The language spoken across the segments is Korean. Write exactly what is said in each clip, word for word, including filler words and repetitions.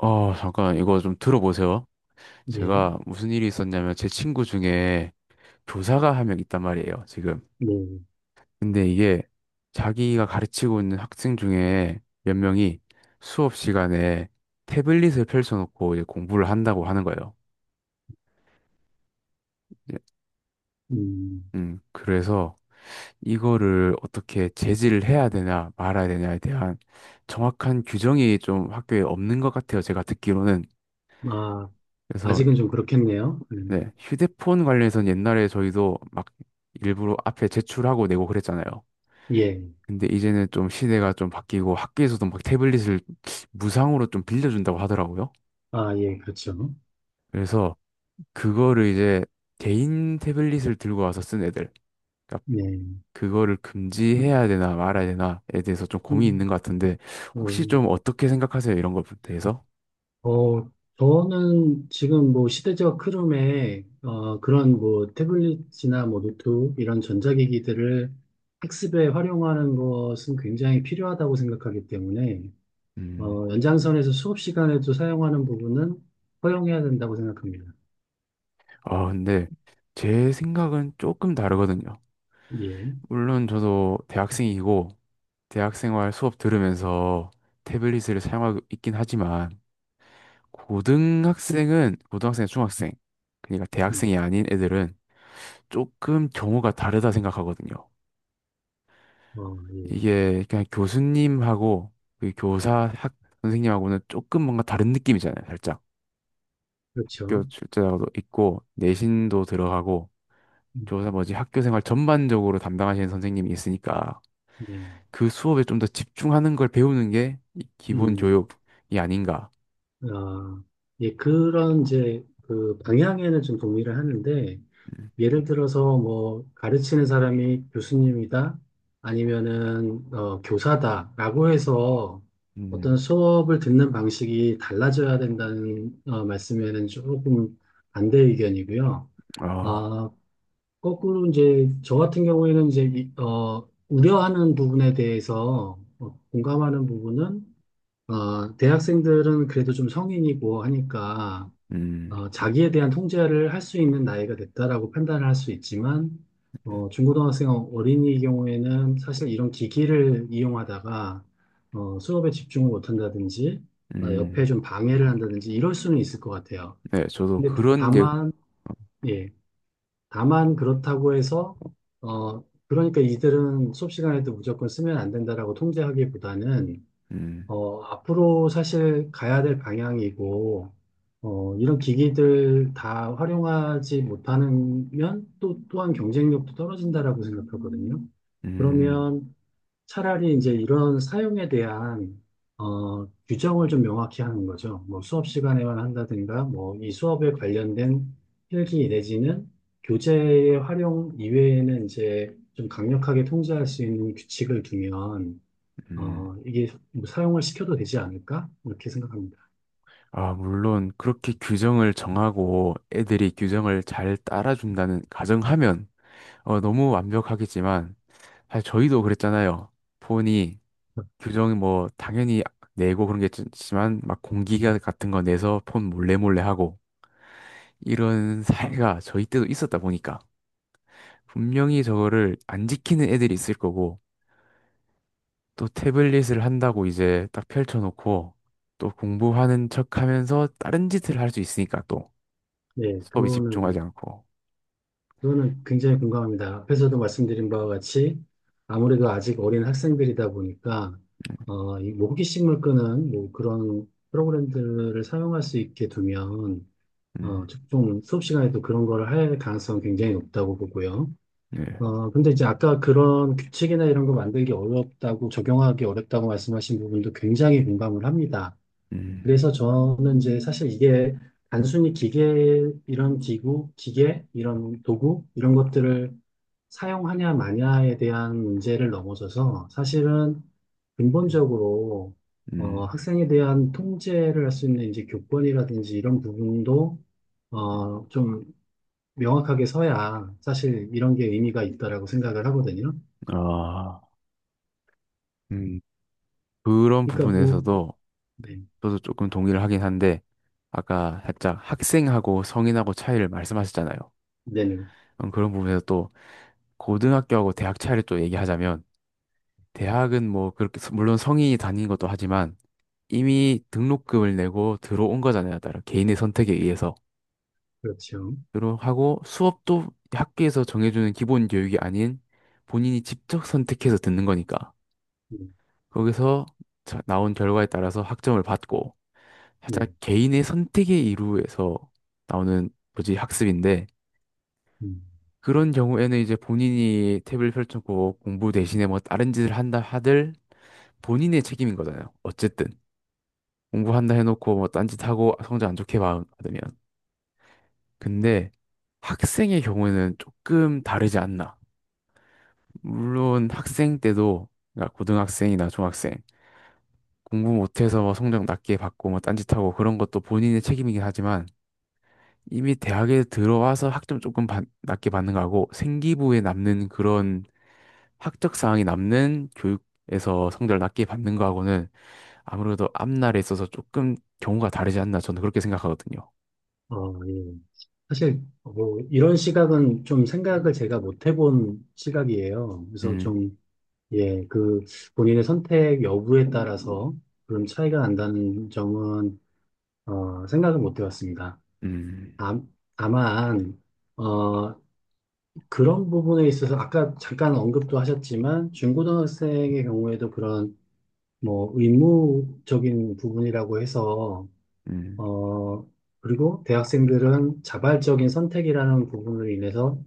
어, 잠깐, 이거 좀 들어보세요. 예, 제가 무슨 일이 있었냐면, 제 친구 중에 교사가 한 명 있단 말이에요, 지금. 예. 근데 이게 자기가 가르치고 있는 학생 중에 몇 명이 수업 시간에 태블릿을 펼쳐놓고 이제 공부를 한다고 하는 거예요. 예. 음. 음, 그래서 이거를 어떻게 제지를 해야 되나 말아야 되냐에 대한 정확한 규정이 좀 학교에 없는 것 같아요, 제가 듣기로는. 아, 그래서 아직은 좀 그렇겠네요. 음. 네, 휴대폰 관련해서는 옛날에 저희도 막 일부러 앞에 제출하고 내고 그랬잖아요. 예, 예. 근데 이제는 좀 시대가 좀 바뀌고 학교에서도 막 태블릿을 무상으로 좀 빌려준다고 하더라고요. 아, 예, 그렇죠. 그래서 그거를 이제 개인 태블릿을 들고 와서 쓴 애들, 그러니까 예. 그거를 금지해야 되나 말아야 되나에 대해서 좀 고민이 음, 있는 것 같은데 혹시 음, 좀 어떻게 생각하세요? 이런 것에 대해서? 어, 저는 지금 뭐 시대적 흐름에, 어, 그런 뭐 태블릿이나 뭐 노트 이런 전자기기들을 학습에 활용하는 것은 굉장히 필요하다고 생각하기 때문에, 음, 어, 연장선에서 수업 시간에도 사용하는 부분은 허용해야 된다고 생각합니다. 아, 근데 제 생각은 조금 다르거든요. 예. 물론 저도 대학생이고 대학생활 수업 들으면서 태블릿을 사용하고 있긴 하지만 고등학생은 고등학생, 중학생 그러니까 음, 대학생이 아닌 애들은 조금 경우가 다르다 생각하거든요. 어, 예, 이게 그냥 교수님하고 그 교사 학 선생님하고는 조금 뭔가 다른 느낌이잖아요. 살짝 학교 그렇죠. 출제자도 있고 내신도 들어가고 음. 교사 뭐지 학교 생활 전반적으로 담당하시는 선생님이 있으니까 예. 그 수업에 좀 더 집중하는 걸 배우는 게이 기본 음. 교육이 아닌가. 아, 예, 그런 이제 그 방향에는 좀 동의를 하는데, 음. 예를 들어서 뭐 가르치는 사람이 교수님이다, 아니면은 어, 교사다라고 해서 어떤 음. 수업을 듣는 방식이 달라져야 된다는 어, 말씀에는 조금 반대 의견이고요. 아. 아, 거꾸로 이제 저 같은 경우에는 이제 이- 어, 우려하는 부분에 대해서 어, 공감하는 부분은 어, 대학생들은 그래도 좀 성인이고 하니까 음. 어, 자기에 대한 통제를 할 수 있는 나이가 됐다라고 판단을 할 수 있지만 어, 중고등학생 어린이의 경우에는 사실 이런 기기를 이용하다가 어, 수업에 집중을 못한다든지 어, 옆에 음. 좀 방해를 한다든지 이럴 수는 있을 것 같아요. 네, 저도 근데 그런 게, 다만 예, 다만 그렇다고 해서 어, 그러니까 이들은 수업 시간에도 무조건 쓰면 안 된다라고 통제하기보다는 음. 어, 앞으로 사실 가야 될 방향이고, 어, 이런 기기들 다 활용하지 못하면 또 또한 경쟁력도 떨어진다라고 생각하거든요. 음. 그러면 차라리 이제 이런 사용에 대한 어, 규정을 좀 명확히 하는 거죠. 뭐 수업 시간에만 한다든가, 뭐 이 수업에 관련된 필기 내지는 교재의 활용 이외에는 이제 좀 강력하게 통제할 수 있는 규칙을 두면 음. 어, 이게 뭐 사용을 시켜도 되지 않을까? 이렇게 생각합니다. 아. 물론 그렇게 규정을 정하고 애들이 규정을 잘 따라준다는 가정하면 어, 너무 완벽하겠지만 사실 저희도 그랬잖아요. 폰이 규정 뭐 당연히 내고 그런 게 있지만 막 공기가 같은 거 내서 폰 몰래 몰래 하고 이런 사례가 저희 때도 있었다 보니까 분명히 저거를 안 지키는 애들이 있을 거고 또 태블릿을 한다고 이제 딱 펼쳐놓고 또 공부하는 척 하면서 다른 짓을 할 수 있으니까 또 네, 수업에 그거는, 집중하지 않고. 그거는 굉장히 공감합니다. 앞에서도 말씀드린 바와 같이 아무래도 아직 어린 학생들이다 보니까, 음. 어, 이뭐 호기심을 끄는 뭐 그런 프로그램들을 사용할 수 있게 두면, 어, 음. 좀 수업 시간에도 그런 걸 할 가능성이 굉장히 높다고 보고요. 네. 어, 근데 이제 아까 그런 규칙이나 이런 거 만들기 어렵다고, 적용하기 어렵다고 말씀하신 부분도 굉장히 공감을 합니다. 음. 그래서 저는 이제 사실 이게 단순히 기계, 이런 기구, 기계, 이런 도구, 이런 것들을 사용하냐 마냐에 대한 문제를 넘어서서 사실은 음. 근본적으로 어, 음. 학생에 대한 통제를 할 수 있는 이제 교권이라든지 이런 부분도 음. 어, 좀 명확하게 서야 사실 이런 게 의미가 있다라고 생각을 하거든요. 아. 음. 그런 그러니까 뭐, 부분에서도 네, 저도 조금 동의를 하긴 한데 아까 살짝 학생하고 성인하고 차이를 말씀하셨잖아요. 네, 네, 음, 그런 부분에서 또 고등학교하고 대학 차이를 또 얘기하자면, 대학은 뭐 그렇게, 서- 물론 성인이 다니는 것도 하지만, 이미 등록금을 내고 들어온 거잖아요. 따라 개인의 선택에 의해서. 그렇죠. 들어하고 수업도 학교에서 정해주는 기본 교육이 아닌 본인이 직접 선택해서 듣는 거니까. 네, 거기서 자- 나온 결과에 따라서 학점을 받고, 네. 살짝 개인의 선택의 이루에서 나오는 뭐지 학습인데 음. 그런 경우에는 이제 본인이 탭을 펼쳤고 공부 대신에 뭐 다른 짓을 한다 하들 본인의 책임인 거잖아요. 어쨌든 공부한다 해놓고 뭐 딴짓하고 성적 안 좋게 받- 받으면. 근데 학생의 경우에는 조금 다르지 않나. 물론 학생 때도 그러니까 고등학생이나 중학생 공부 못해서 뭐 성적 낮게 받고 뭐 딴짓하고 그런 것도 본인의 책임이긴 하지만 이미 대학에 들어와서 학점 조금 받- 낮게 받는 거하고 생기부에 남는 그런 학적 사항이 남는 교육에서 성적을 낮게 받는 거하고는 아무래도 앞날에 있어서 조금 경우가 다르지 않나 저는 그렇게 생각하거든요. 어, 예. 사실 뭐 이런 시각은 좀 생각을 제가 못 해본 시각이에요. 그래서 음. 좀, 예, 그 본인의 선택 여부에 따라서 그런 차이가 난다는 점은 어, 생각을 못 해봤습니다. 음. 다, 다만 어, 그런 부분에 있어서 아까 잠깐 언급도 하셨지만 중고등학생의 경우에도 그런 뭐 의무적인 부분이라고 해서 음. 어, 그리고 대학생들은 자발적인 선택이라는 부분으로 인해서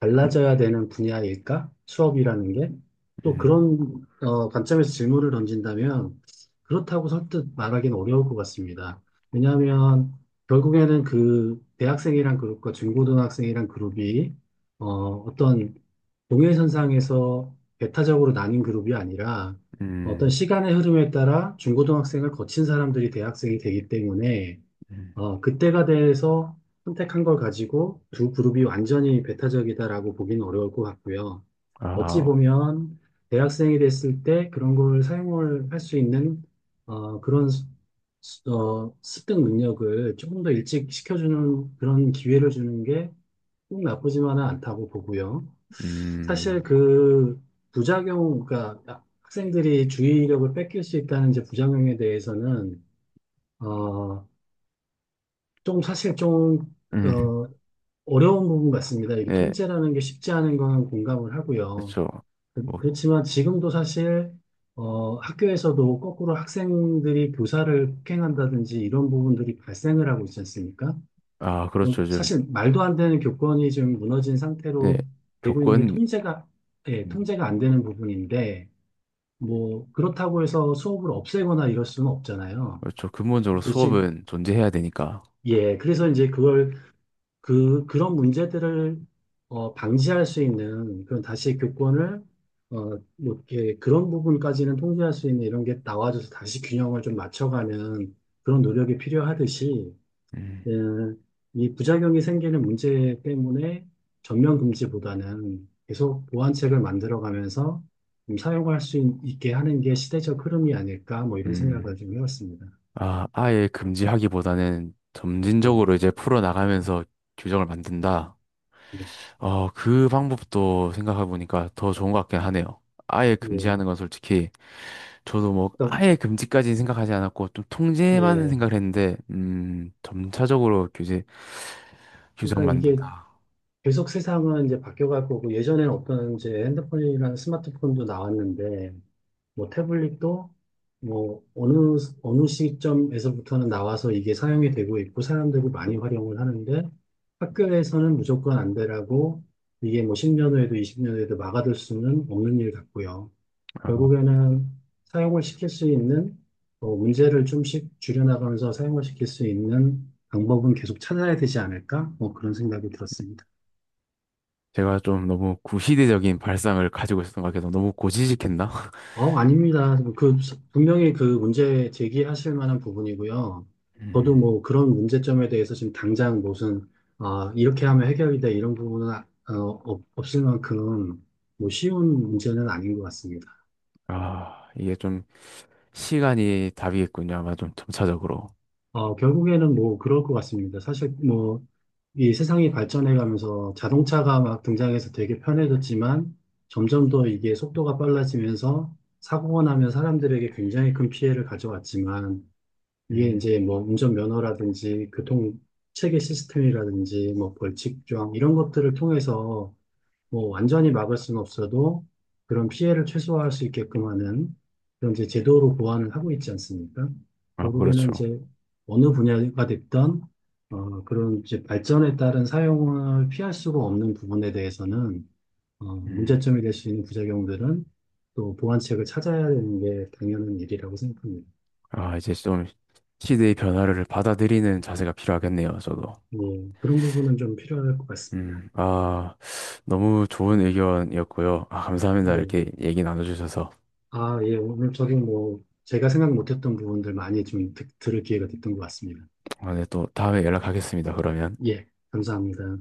달라져야 되는 분야일까? 수업이라는 게? 또 음. 그런 어, 관점에서 질문을 던진다면 그렇다고 설득 말하기는 어려울 것 같습니다. 왜냐하면 결국에는 그 대학생이란 그룹과 중고등학생이란 그룹이 어, 어떤 동일선상에서 배타적으로 나뉜 그룹이 아니라 어떤 음. 시간의 흐름에 따라 중고등학생을 거친 사람들이 대학생이 되기 때문에 음. 어, 그때가 돼서 선택한 걸 가지고 두 그룹이 완전히 배타적이다라고 보기는 어려울 것 같고요. 어찌 아. 보면 대학생이 됐을 때 그런 걸 사용을 할 수 있는 어, 그런 수- 수- 어, 습득 능력을 조금 더 일찍 시켜주는 그런 기회를 주는 게 꼭 나쁘지만은 않다고 보고요. 사실 음. 그 부작용, 그러니까 아, 학생들이 주의력을 뺏길 수 있다는 이제 부작용에 대해서는 어, 좀 사실 좀 음. 어, 어려운 부분 같습니다. 이게 네, 통제라는 게 쉽지 않은 건 공감을 하고요. 그렇죠. 그- 뭐. 그렇지만 지금도 사실 어, 학교에서도 거꾸로 학생들이 교사를 폭행한다든지 이런 부분들이 발생을 하고 있지 않습니까? 아, 어, 그렇죠. 요즘. 사실 말도 안 되는 교권이 지금 무너진 네. 상태로 되고 있는 게 교권. 통제가 예, 음. 통제가 안 되는 부분인데 뭐 그렇다고 해서 수업을 없애거나 이럴 수는 없잖아요. 그렇죠. 근본적으로 그렇지. 수업은 존재해야 되니까. 예, 그래서 이제 그걸 그, 그런 문제들을 어, 방지할 수 있는 그런 다시 교권을 어, 뭐 이렇게 그런 부분까지는 통제할 수 있는 이런 게 나와줘서 다시 균형을 좀 맞춰가는 그런 노력이 필요하듯이 음. 예, 이 부작용이 생기는 문제 때문에 전면 금지보다는 계속 보완책을 만들어가면서 좀 사용할 수 있- 있게 하는 게 시대적 흐름이 아닐까 뭐 이런 생각을 음. 좀 해봤습니다. 아, 아예 금지하기보다는 예, 점진적으로 이제 풀어나가면서 규정을 만든다. 예. 어, 그 방법도 생각해보니까 더 좋은 것 같긴 하네요. 아예 예. 금지하는 건 솔직히 저도 뭐 그러니까, 아예 금지까지 생각하지 않았고 좀 통제만 예. 생각을 했는데 음, 점차적으로 규제 규정 그러니까 이게 만든다. 계속 세상은 이제 바뀌어갈 거고 예전에는 없던 이제 핸드폰이라는 스마트폰도 나왔는데 뭐 태블릿도 뭐 어느 어느 시점에서부터는 나와서 이게 사용이 되고 있고 사람들이 많이 활용을 하는데 학교에서는 무조건 안 되라고 이게 뭐 십 년 후에도 이십 년 후에도 막아둘 수는 없는 일 같고요. 아, 결국에는 사용을 시킬 수 있는 어, 문제를 좀씩 줄여나가면서 사용을 시킬 수 있는 방법은 계속 찾아야 되지 않을까? 뭐 그런 생각이 들었습니다. 제가 좀 너무 구시대적인 발상을 가지고 있었던 것 같아서 너무 고지식했나? 어, 아닙니다. 그, 분명히 그 문제 제기하실 만한 부분이고요. 저도 음. 뭐 그런 문제점에 대해서 지금 당장 무슨, 아, 이렇게 하면 해결이 돼, 이런 부분은, 아- 어, 없- 없을 만큼 뭐 쉬운 문제는 아닌 것 같습니다. 아, 이게 좀 시간이 답이겠군요. 아마 좀 점차적으로. 어, 결국에는 뭐 그럴 것 같습니다. 사실 뭐 이 세상이 발전해 가면서 자동차가 막 등장해서 되게 편해졌지만 점점 더 이게 속도가 빨라지면서 사고가 나면 사람들에게 굉장히 큰 피해를 가져왔지만 이게 음. 이제 뭐 운전면허라든지 교통체계 시스템이라든지 뭐 벌칙조항 이런 것들을 통해서 뭐 완전히 막을 수는 없어도 그런 피해를 최소화할 수 있게끔 하는 그런 이제 제도로 보완을 하고 있지 않습니까? 아, 결국에는 그렇죠. 이제 어느 분야가 됐던 어, 그런 이제 발전에 따른 사용을 피할 수가 없는 부분에 대해서는 어, 음. 문제점이 될 수 있는 부작용들은 또 보완책을 찾아야 되는 게 당연한 일이라고 생각합니다. 아, 이제 좀 시대의 변화를 받아들이는 자세가 필요하겠네요, 저도. 예, 그런 부분은 좀 필요할 것 같습니다. 음. 아, 너무 좋은 의견이었고요. 아, 감사합니다. 예. 이렇게 얘기 나눠주셔서. 아, 예, 오늘 저도 뭐, 제가 생각 못했던 부분들 많이 좀 드- 들을 기회가 됐던 것 같습니다. 아, 네, 또 다음에 연락하겠습니다, 그러면. 예, 감사합니다.